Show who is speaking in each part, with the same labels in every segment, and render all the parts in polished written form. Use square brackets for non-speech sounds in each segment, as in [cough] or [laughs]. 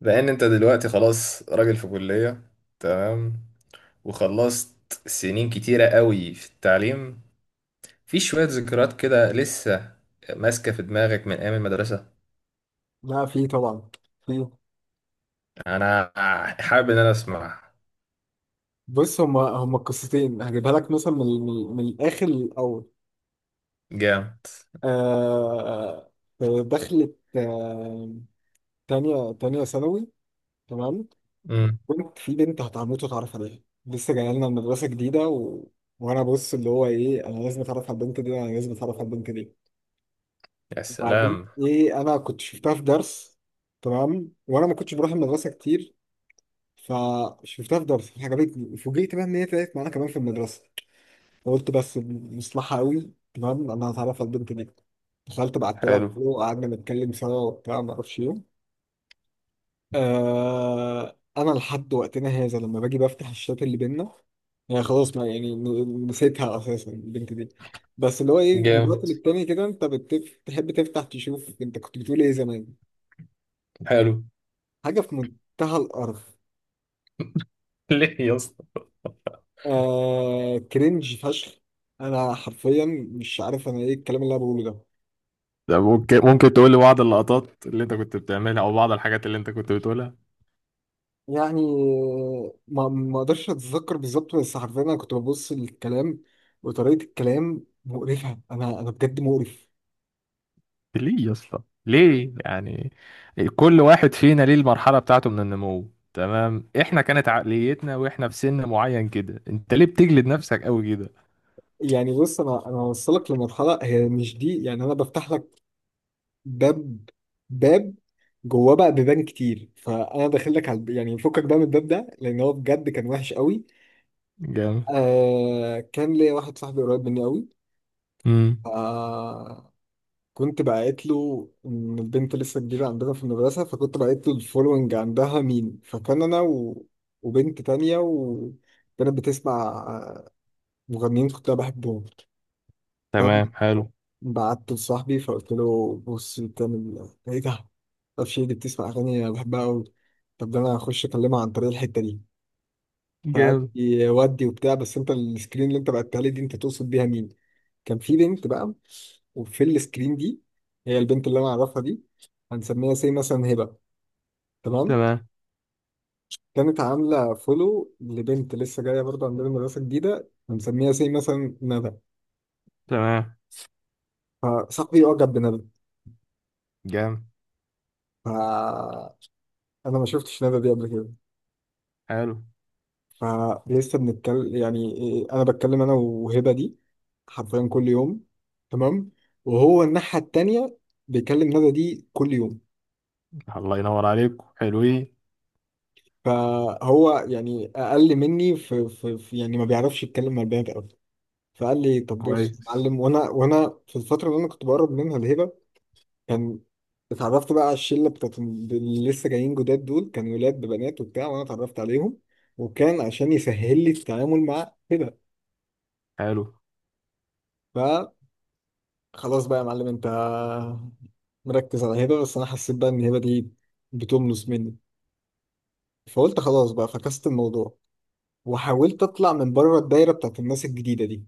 Speaker 1: لان انت دلوقتي خلاص راجل في كلية، تمام. وخلصت سنين كتيرة قوي في التعليم. في شوية ذكريات كده لسه ماسكة في دماغك من ايام المدرسة.
Speaker 2: لا، في طبعا. في،
Speaker 1: انا حابب ان انا اسمع.
Speaker 2: بص، هما قصتين هجيبها لك مثلا من الاخر للاول.
Speaker 1: جامد.
Speaker 2: آه، آه، دخلت تانية ثانوي. تمام.
Speaker 1: امم.
Speaker 2: كنت في بنت هتعمته اتعرف عليها، لسه جايه لنا المدرسه جديده، و... وانا بص اللي هو ايه، انا لازم اتعرف على البنت دي، انا لازم اتعرف على البنت دي.
Speaker 1: يا
Speaker 2: وبعدين
Speaker 1: سلام.
Speaker 2: ايه، انا كنت شفتها في درس. تمام، وانا ما كنتش بروح المدرسه كتير، فشفتها في درس عجبتني. فوجئت بقى ان هي طلعت معانا كمان في المدرسه. قلت بس مصلحة قوي. تمام، انا هتعرف على البنت دي. دخلت بعت لها
Speaker 1: حلو.
Speaker 2: وقعدنا نتكلم سوا وبتاع ما اعرفش ايه. آه، انا لحد وقتنا هذا لما باجي بفتح الشات اللي بينا، يعني خلاص ما يعني نسيتها اساسا البنت دي، بس اللي هو ايه من الوقت
Speaker 1: جامد.
Speaker 2: للتاني كده انت بتحب تفتح تشوف انت كنت بتقول ايه زمان.
Speaker 1: حلو.
Speaker 2: حاجه في منتهى الارض.
Speaker 1: [laughs] ليه يا اسطى؟
Speaker 2: آه، كرنج فشخ. انا حرفيا مش عارف انا ايه الكلام اللي انا بقوله ده.
Speaker 1: ده ممكن تقول لي بعض اللقطات اللي انت كنت بتعملها او بعض الحاجات اللي انت كنت بتقولها.
Speaker 2: يعني ما اقدرش اتذكر بالظبط، بس حرفيا انا كنت ببص للكلام وطريقه الكلام مقرفه، انا بجد مقرف.
Speaker 1: ليه يا اسطى؟ ليه يعني؟ كل واحد فينا ليه المرحله بتاعته من النمو، تمام. احنا كانت عقليتنا واحنا في سن معين كده، انت ليه بتجلد نفسك قوي كده؟
Speaker 2: يعني بص، انا هوصلك لمرحله هي مش دي، يعني انا بفتح لك باب. باب جواه بقى بيبان كتير، فانا داخل لك على يعني فكك بقى من الباب ده، لان هو بجد كان وحش قوي.
Speaker 1: جامد.
Speaker 2: آه، كان ليا واحد صاحبي قريب مني
Speaker 1: امم.
Speaker 2: قوي. كنت بعت له ان البنت لسه جديده عندنا في المدرسه، فكنت بعت له الفولوينج عندها مين. فكان انا و... وبنت تانية، وكانت بتسمع مغنيين كنت انا بحبهم.
Speaker 1: تمام. حلو.
Speaker 2: فبعت لصاحبي فقلت له بص بتعمل ايه؟ إيه ده؟ معرفش ايه دي بتسمع اغاني انا بحبها قوي. طب ده انا هخش اكلمها عن طريق الحته دي. فقال
Speaker 1: جامد.
Speaker 2: لي ودي وبتاع، بس انت السكرين اللي انت بعتها لي دي انت تقصد بيها مين؟ كان في بنت بقى، وفي السكرين دي هي البنت اللي انا اعرفها دي، هنسميها سي مثلا هبه. تمام.
Speaker 1: تمام.
Speaker 2: كانت عامله فولو لبنت لسه جايه برضه عندنا مدرسه جديده، هنسميها سي مثلا ندى.
Speaker 1: تمام.
Speaker 2: فصاحبي اعجب بندى.
Speaker 1: جامد.
Speaker 2: فانا ما شفتش ندى دي قبل كده.
Speaker 1: حلو.
Speaker 2: فلسه بنتكلم يعني إيه، انا بتكلم انا وهبه دي حرفيا كل يوم. تمام. وهو الناحيه التانيه بيكلم ندى دي كل يوم.
Speaker 1: الله ينور عليكم حلوين.
Speaker 2: فهو يعني اقل مني في، يعني ما بيعرفش يتكلم مع البنات قوي. فقال لي طب بص يا
Speaker 1: كويس.
Speaker 2: معلم. وانا في الفتره اللي انا كنت بقرب منها الهبه، كان اتعرفت بقى على الشله بتاعت اللي لسه جايين جداد دول، كان ولاد ببنات وبتاع، وانا اتعرفت عليهم. وكان عشان يسهل لي التعامل مع هبه.
Speaker 1: حلو.
Speaker 2: فخلاص بقى يا معلم، انت مركز على هبه بس. انا حسيت بقى ان هبه دي بتملص مني، فقلت خلاص بقى فكست الموضوع، وحاولت اطلع من بره الدايره بتاعت الناس الجديده دي.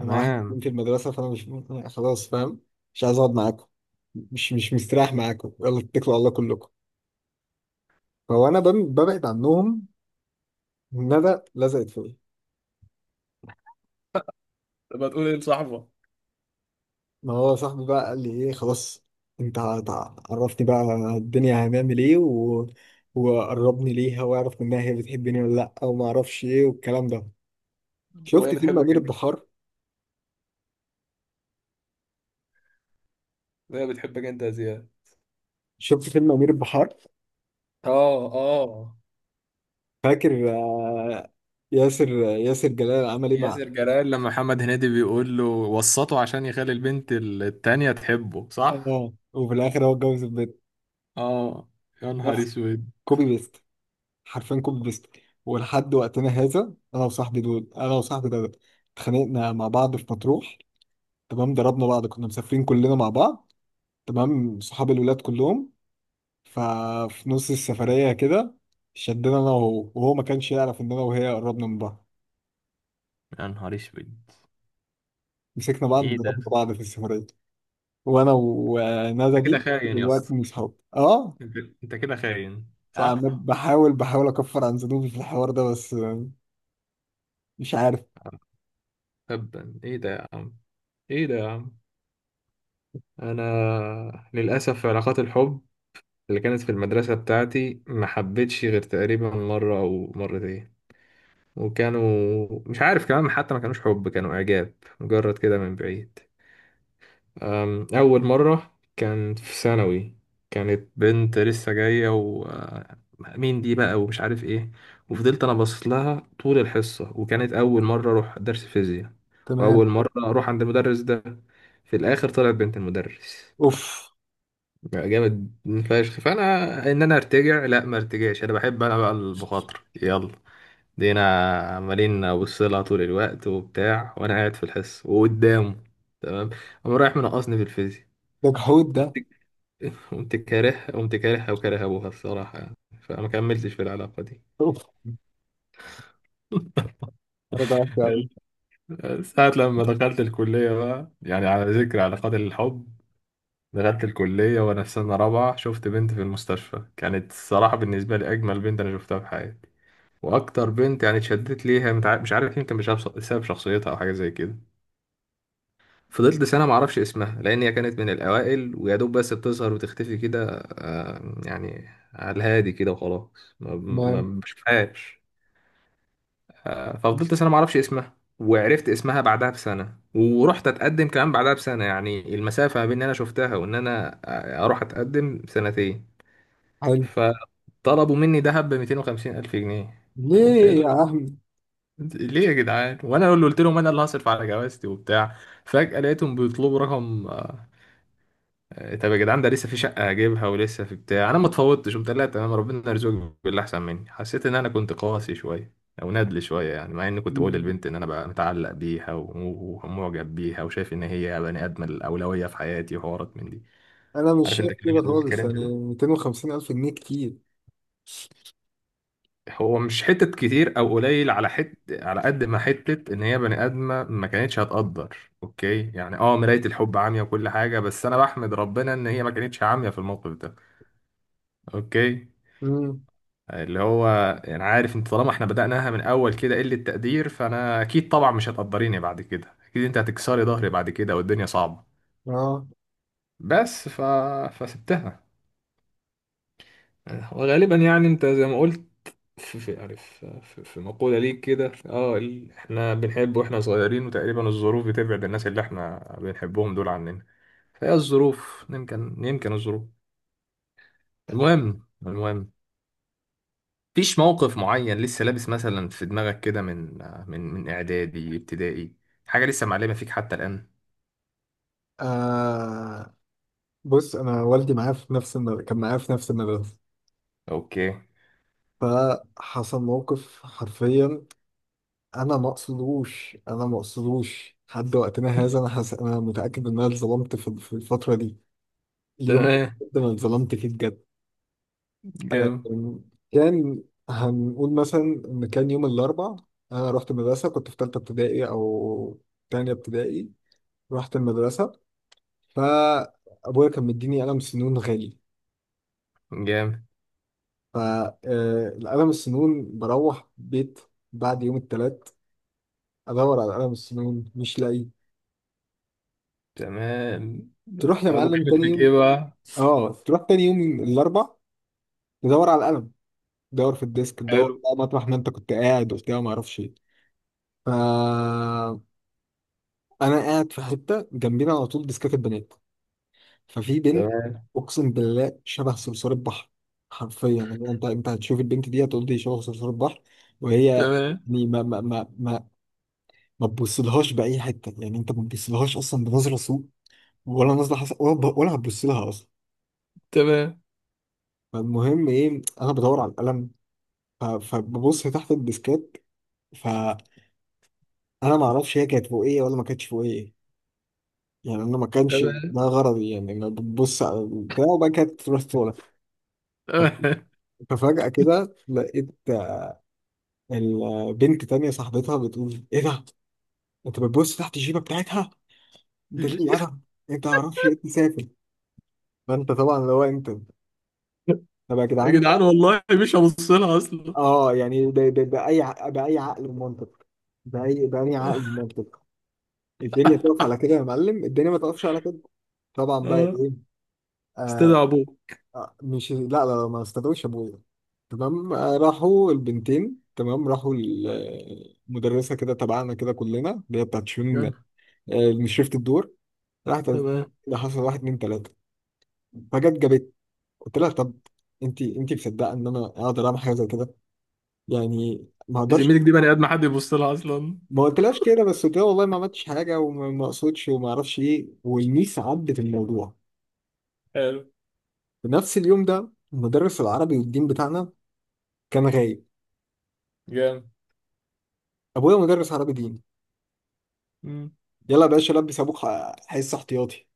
Speaker 2: انا واحد اتنين في المدرسه، فانا مش، خلاص فاهم، مش عايز اقعد معاكم، مش مستريح معاكم، يلا اتكلوا على الله كلكم. فهو انا ببعد عنهم، ندى لزقت فيا.
Speaker 1: تبقى تقول ايه لصاحبك؟
Speaker 2: ما هو صاحبي بقى قال لي ايه خلاص، انت عرفني بقى الدنيا، هنعمل ايه، و... وقربني ليها واعرف منها هي بتحبني ولا لا، وما اعرفش ايه والكلام ده.
Speaker 1: وهي
Speaker 2: شفت فيلم
Speaker 1: بتحبك
Speaker 2: امير
Speaker 1: انت؟
Speaker 2: البحار؟
Speaker 1: وهي بتحبك انت يا زياد؟
Speaker 2: شفت فيلم امير البحار؟
Speaker 1: اه اه.
Speaker 2: فاكر آه، ياسر جلال عمل ايه مع،
Speaker 1: ياسر جلال لما محمد هنيدي بيقول له وسطه عشان يخلي البنت التانية تحبه صح؟
Speaker 2: اه، وفي الاخر هو اتجوز
Speaker 1: اه. يا نهار
Speaker 2: البنت.
Speaker 1: اسود.
Speaker 2: كوبي بيست، حرفيا كوبي بيست. ولحد وقتنا هذا انا وصاحبي ده اتخانقنا مع بعض في مطروح. تمام، ضربنا بعض، كنا مسافرين كلنا مع بعض، تمام، صحاب الولاد كلهم. ففي نص السفرية كده شدنا انا وهو، وهو ما كانش يعرف ان انا وهي قربنا من بعض.
Speaker 1: يا نهار اسود.
Speaker 2: مسكنا بعض،
Speaker 1: ايه ده؟
Speaker 2: ضربنا بعض في السفرية. وانا وندى
Speaker 1: انت
Speaker 2: دي
Speaker 1: كده
Speaker 2: لحد
Speaker 1: خاين يا اسطى.
Speaker 2: دلوقتي مش صحاب. اه،
Speaker 1: انت انت كده خاين صح؟
Speaker 2: بحاول اكفر عن ذنوبي في الحوار ده، بس آه، مش عارف.
Speaker 1: تبا ايه ده يا عم؟ ايه ده يا عم؟ انا للاسف في علاقات الحب اللي كانت في المدرسة بتاعتي ما حبيتش غير تقريبا مرة او مرتين. وكانوا مش عارف كمان، حتى ما كانوش حب، كانوا اعجاب مجرد كده من بعيد. أول مرة كان في ثانوي. كانت بنت لسه جاية و مين دي بقى ومش عارف ايه. وفضلت أنا باصص لها طول الحصة، وكانت أول مرة أروح درس فيزياء وأول
Speaker 2: تمام.
Speaker 1: مرة أروح عند المدرس ده. في الآخر طلعت بنت المدرس.
Speaker 2: اوف.
Speaker 1: بقى جامد فشخ. فأنا، إن أنا أرتجع؟ لا، ما أرتجعش، أنا بحب أنا بقى المخاطرة. يلا دينا. عمالين أبص لها طول الوقت وبتاع، وأنا قاعد في الحصة وقدامه. تمام. قام رايح منقصني في الفيزياء.
Speaker 2: ده جحود ده.
Speaker 1: قمت كاره، قمت كارهها وكاره أبوها الصراحة يعني. فما كملتش في العلاقة دي.
Speaker 2: اوف. رجعت قوي.
Speaker 1: ساعة لما دخلت الكلية بقى، يعني على ذكر علاقات الحب، دخلت الكلية وأنا في سنة رابعة شفت بنت في المستشفى. كانت الصراحة بالنسبة لي أجمل بنت أنا شفتها في حياتي. وأكتر بنت يعني اتشدت ليها. مش عارف، يمكن بسبب شخصيتها أو حاجة زي كده. فضلت سنة معرفش اسمها لأن هي كانت من الأوائل ويا دوب بس بتظهر وتختفي كده. يعني على الهادي كده وخلاص ما ما
Speaker 2: تمام.
Speaker 1: ما بشوفهاش. ففضلت سنة معرفش اسمها. وعرفت اسمها بعدها بسنة، ورحت اتقدم كمان بعدها بسنة. يعني المسافة ما بين ان انا شفتها وان انا اروح اتقدم سنتين.
Speaker 2: حلو.
Speaker 1: فطلبوا مني دهب ب 250 الف جنيه. قمت
Speaker 2: ليه
Speaker 1: قايل
Speaker 2: يا
Speaker 1: لهم،
Speaker 2: عم؟
Speaker 1: ليه يا جدعان؟ وانا اللي قلت لهم انا اللي هصرف على جوازتي وبتاع. فجأة لقيتهم بيطلبوا رقم. طب يا جدعان، ده لسه في شقة هجيبها ولسه في بتاع، أنا ما اتفوضتش. قمت قال لا تمام، ربنا يرزقك باللي أحسن مني. حسيت إن أنا كنت قاسي شوية أو نادل شوية يعني، مع إني كنت بقول للبنت إن أنا بقى متعلق بيها ومعجب بيها وشايف إن هي بني آدم الأولوية في حياتي وحوارات من دي.
Speaker 2: انا مش
Speaker 1: عارف أنت
Speaker 2: شايف
Speaker 1: الكلام
Speaker 2: كده خالص،
Speaker 1: الكلام
Speaker 2: يعني
Speaker 1: ده
Speaker 2: 250 الف جنيه كتير.
Speaker 1: هو مش حتة كتير أو قليل، على على قد ما حتة إن هي بني آدمة ما كانتش هتقدر. أوكي، يعني أه مراية الحب عامية وكل حاجة، بس أنا بحمد ربنا إن هي ما كانتش عامية في الموقف ده. اوكي.
Speaker 2: امم
Speaker 1: اللي هو، انا عارف انت طالما احنا بدأناها من اول كده قلة تقدير، فانا اكيد طبعا مش هتقدريني بعد كده، اكيد انت هتكسري ظهري بعد كده والدنيا صعبة.
Speaker 2: اه،
Speaker 1: بس فسبتها. وغالبا يعني انت زي ما قلت، في يعني في مقولة ليك كده اه احنا بنحب واحنا صغيرين وتقريبا الظروف بتبعد الناس اللي احنا بنحبهم دول عننا. فهي الظروف، يمكن الظروف. المهم فيش موقف معين لسه لابس مثلا في دماغك كده، من من اعدادي ابتدائي، حاجه لسه معلمه فيك حتى الان؟
Speaker 2: آه، بص انا والدي معايا في نفس المدرسة، كان معايا في نفس المدرسه.
Speaker 1: اوكي.
Speaker 2: فحصل موقف حرفيا، انا ما اقصدوش لحد وقتنا هذا. انا متاكد ان انا اتظلمت في الفتره دي، اليوم
Speaker 1: تمام.
Speaker 2: ده، انا اتظلمت فيه بجد.
Speaker 1: جامد.
Speaker 2: كان، هنقول مثلا ان كان يوم الاربع، انا رحت المدرسه. كنت في ثالثه ابتدائي او تانية ابتدائي. رحت المدرسه، فابويا كان مديني قلم سنون غالي.
Speaker 1: جامد.
Speaker 2: فالقلم السنون بروح بيت، بعد يوم الثلاث ادور على قلم السنون مش لاقي.
Speaker 1: تمام.
Speaker 2: تروح يا
Speaker 1: ابوك
Speaker 2: معلم
Speaker 1: عامل
Speaker 2: تاني
Speaker 1: فيك ايه
Speaker 2: يوم.
Speaker 1: بقى؟
Speaker 2: اه، تروح تاني يوم الاربع، تدور على القلم، تدور في الديسك، تدور
Speaker 1: حلو.
Speaker 2: بقى مطرح ما انت كنت قاعد وبتاع ما اعرفش ايه. ف انا قاعد في حته جنبينا على طول ديسكاك البنات. ففي بنت،
Speaker 1: تمام.
Speaker 2: اقسم بالله شبه صرصور البحر، حرفيا يعني انت، انت هتشوف البنت دي هتقول دي شبه صرصور البحر. وهي يعني
Speaker 1: تمام.
Speaker 2: ما ما ما ما, ما تبصلهاش باي حته، يعني انت ما تبصلهاش اصلا بنظره سوء ولا نظره حسن ولا ولا هتبص لها اصلا.
Speaker 1: تمام.
Speaker 2: فالمهم ايه، انا بدور على القلم، فببص تحت الديسكات. فانا ما اعرفش هي كانت فوقيه ولا ما كانتش فوقيه، يعني انا ما كانش
Speaker 1: تمام.
Speaker 2: ده غرضي، يعني انا ببص على البتاع وبعد كده تروح تطلع.
Speaker 1: تمام.
Speaker 2: ففجأة كده لقيت البنت تانية صاحبتها بتقول ايه ده؟ انت بتبص تحت الجيبة بتاعتها؟ انت ليه الأدب؟
Speaker 1: [laughs]
Speaker 2: انت معرفش ايه تسافر. فانت طبعا اللي هو انت، طب يا
Speaker 1: يا
Speaker 2: جدعان.
Speaker 1: جدعان والله مش هبص لها اصلا.
Speaker 2: اه، يعني بأي عقل ومنطق، بأي عقل
Speaker 1: [laughs]
Speaker 2: ومنطق، الدنيا تقف على كده يا معلم؟ الدنيا ما تقفش على كده. طبعا بقى
Speaker 1: اه.
Speaker 2: ايه. آه،
Speaker 1: استدعى ابوه؟
Speaker 2: آه، مش، لا، لا لا، ما استدعوش ابويا. تمام، آه، راحوا البنتين. تمام، راحوا المدرسة كده تبعنا كده كلنا اللي هي بتاعت شؤون. آه،
Speaker 1: يلا.
Speaker 2: مش شفت الدور. راحت قالت
Speaker 1: تمام.
Speaker 2: اللي حصل، واحد اتنين تلاته. فجت جابت. قلت لها طب انت، انت مصدقه ان انا اقدر اعمل حاجه زي كده؟ يعني ما اقدرش.
Speaker 1: زميلك دي بني ادم حد يبص لها اصلا؟
Speaker 2: ما قلتلهاش كده، بس قلت لها والله ما عملتش حاجه وما ما اقصدش وما اعرفش ايه. والميس عدت الموضوع.
Speaker 1: حلو.
Speaker 2: في نفس اليوم ده المدرس العربي والدين بتاعنا كان غايب.
Speaker 1: جامد.
Speaker 2: ابويا مدرس عربي دين.
Speaker 1: مم.
Speaker 2: يلا يا باشا لبس ابوك حصه احتياطي.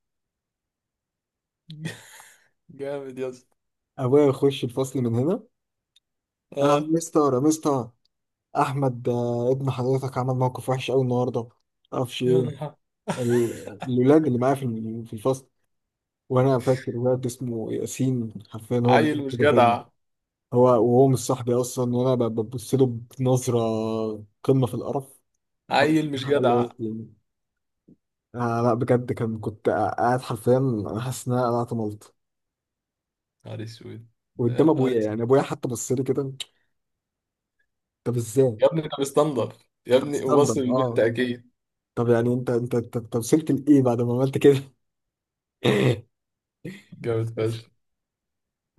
Speaker 1: [laughs] جامد يا اسطى.
Speaker 2: ابويا يخش الفصل من هنا. اه،
Speaker 1: اه.
Speaker 2: مستر، مستر احمد، آه، ابن حضرتك عمل موقف وحش قوي النهارده، معرفش
Speaker 1: يا
Speaker 2: ايه.
Speaker 1: نهار.
Speaker 2: الولاد اللي معايا في الفصل، وانا فاكر ولد اسمه ياسين حرفيا هو اللي
Speaker 1: عيل مش
Speaker 2: كده فينا.
Speaker 1: جدع.
Speaker 2: هو، وهو مش صاحبي اصلا وانا ببص له بنظره قمه في القرف. هو
Speaker 1: عيل مش
Speaker 2: حق
Speaker 1: جدع.
Speaker 2: الوقت يعني. آه، لا بجد كان، كنت قاعد حرفيا انا حاسس ان انا قلعت ملط،
Speaker 1: نهار اسود. يا
Speaker 2: وقدام
Speaker 1: نهار
Speaker 2: ابويا،
Speaker 1: اسود.
Speaker 2: يعني ابويا حتى بص لي كده. طب ازاي؟
Speaker 1: يا ابني ده مستنضف، يا
Speaker 2: طب
Speaker 1: ابني وبص
Speaker 2: استنبط
Speaker 1: للبنت
Speaker 2: اه.
Speaker 1: اكيد.
Speaker 2: طب يعني انت انت انت أنت وصلت لايه بعد ما عملت كده؟ [laughs]
Speaker 1: جامد فشخ.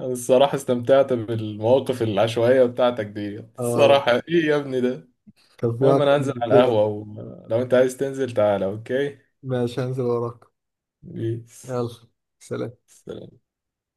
Speaker 1: انا الصراحه استمتعت بالمواقف العشوائيه بتاعتك دي
Speaker 2: اه،
Speaker 1: الصراحه، ايه يا ابني ده.
Speaker 2: كان في
Speaker 1: المهم
Speaker 2: اكتر
Speaker 1: انا هنزل
Speaker 2: من
Speaker 1: على
Speaker 2: كده.
Speaker 1: القهوه، ولو انت عايز تنزل تعالى. اوكي.
Speaker 2: ماشي هنزل وراك.
Speaker 1: بيس.
Speaker 2: يلا، سلام.
Speaker 1: سلام.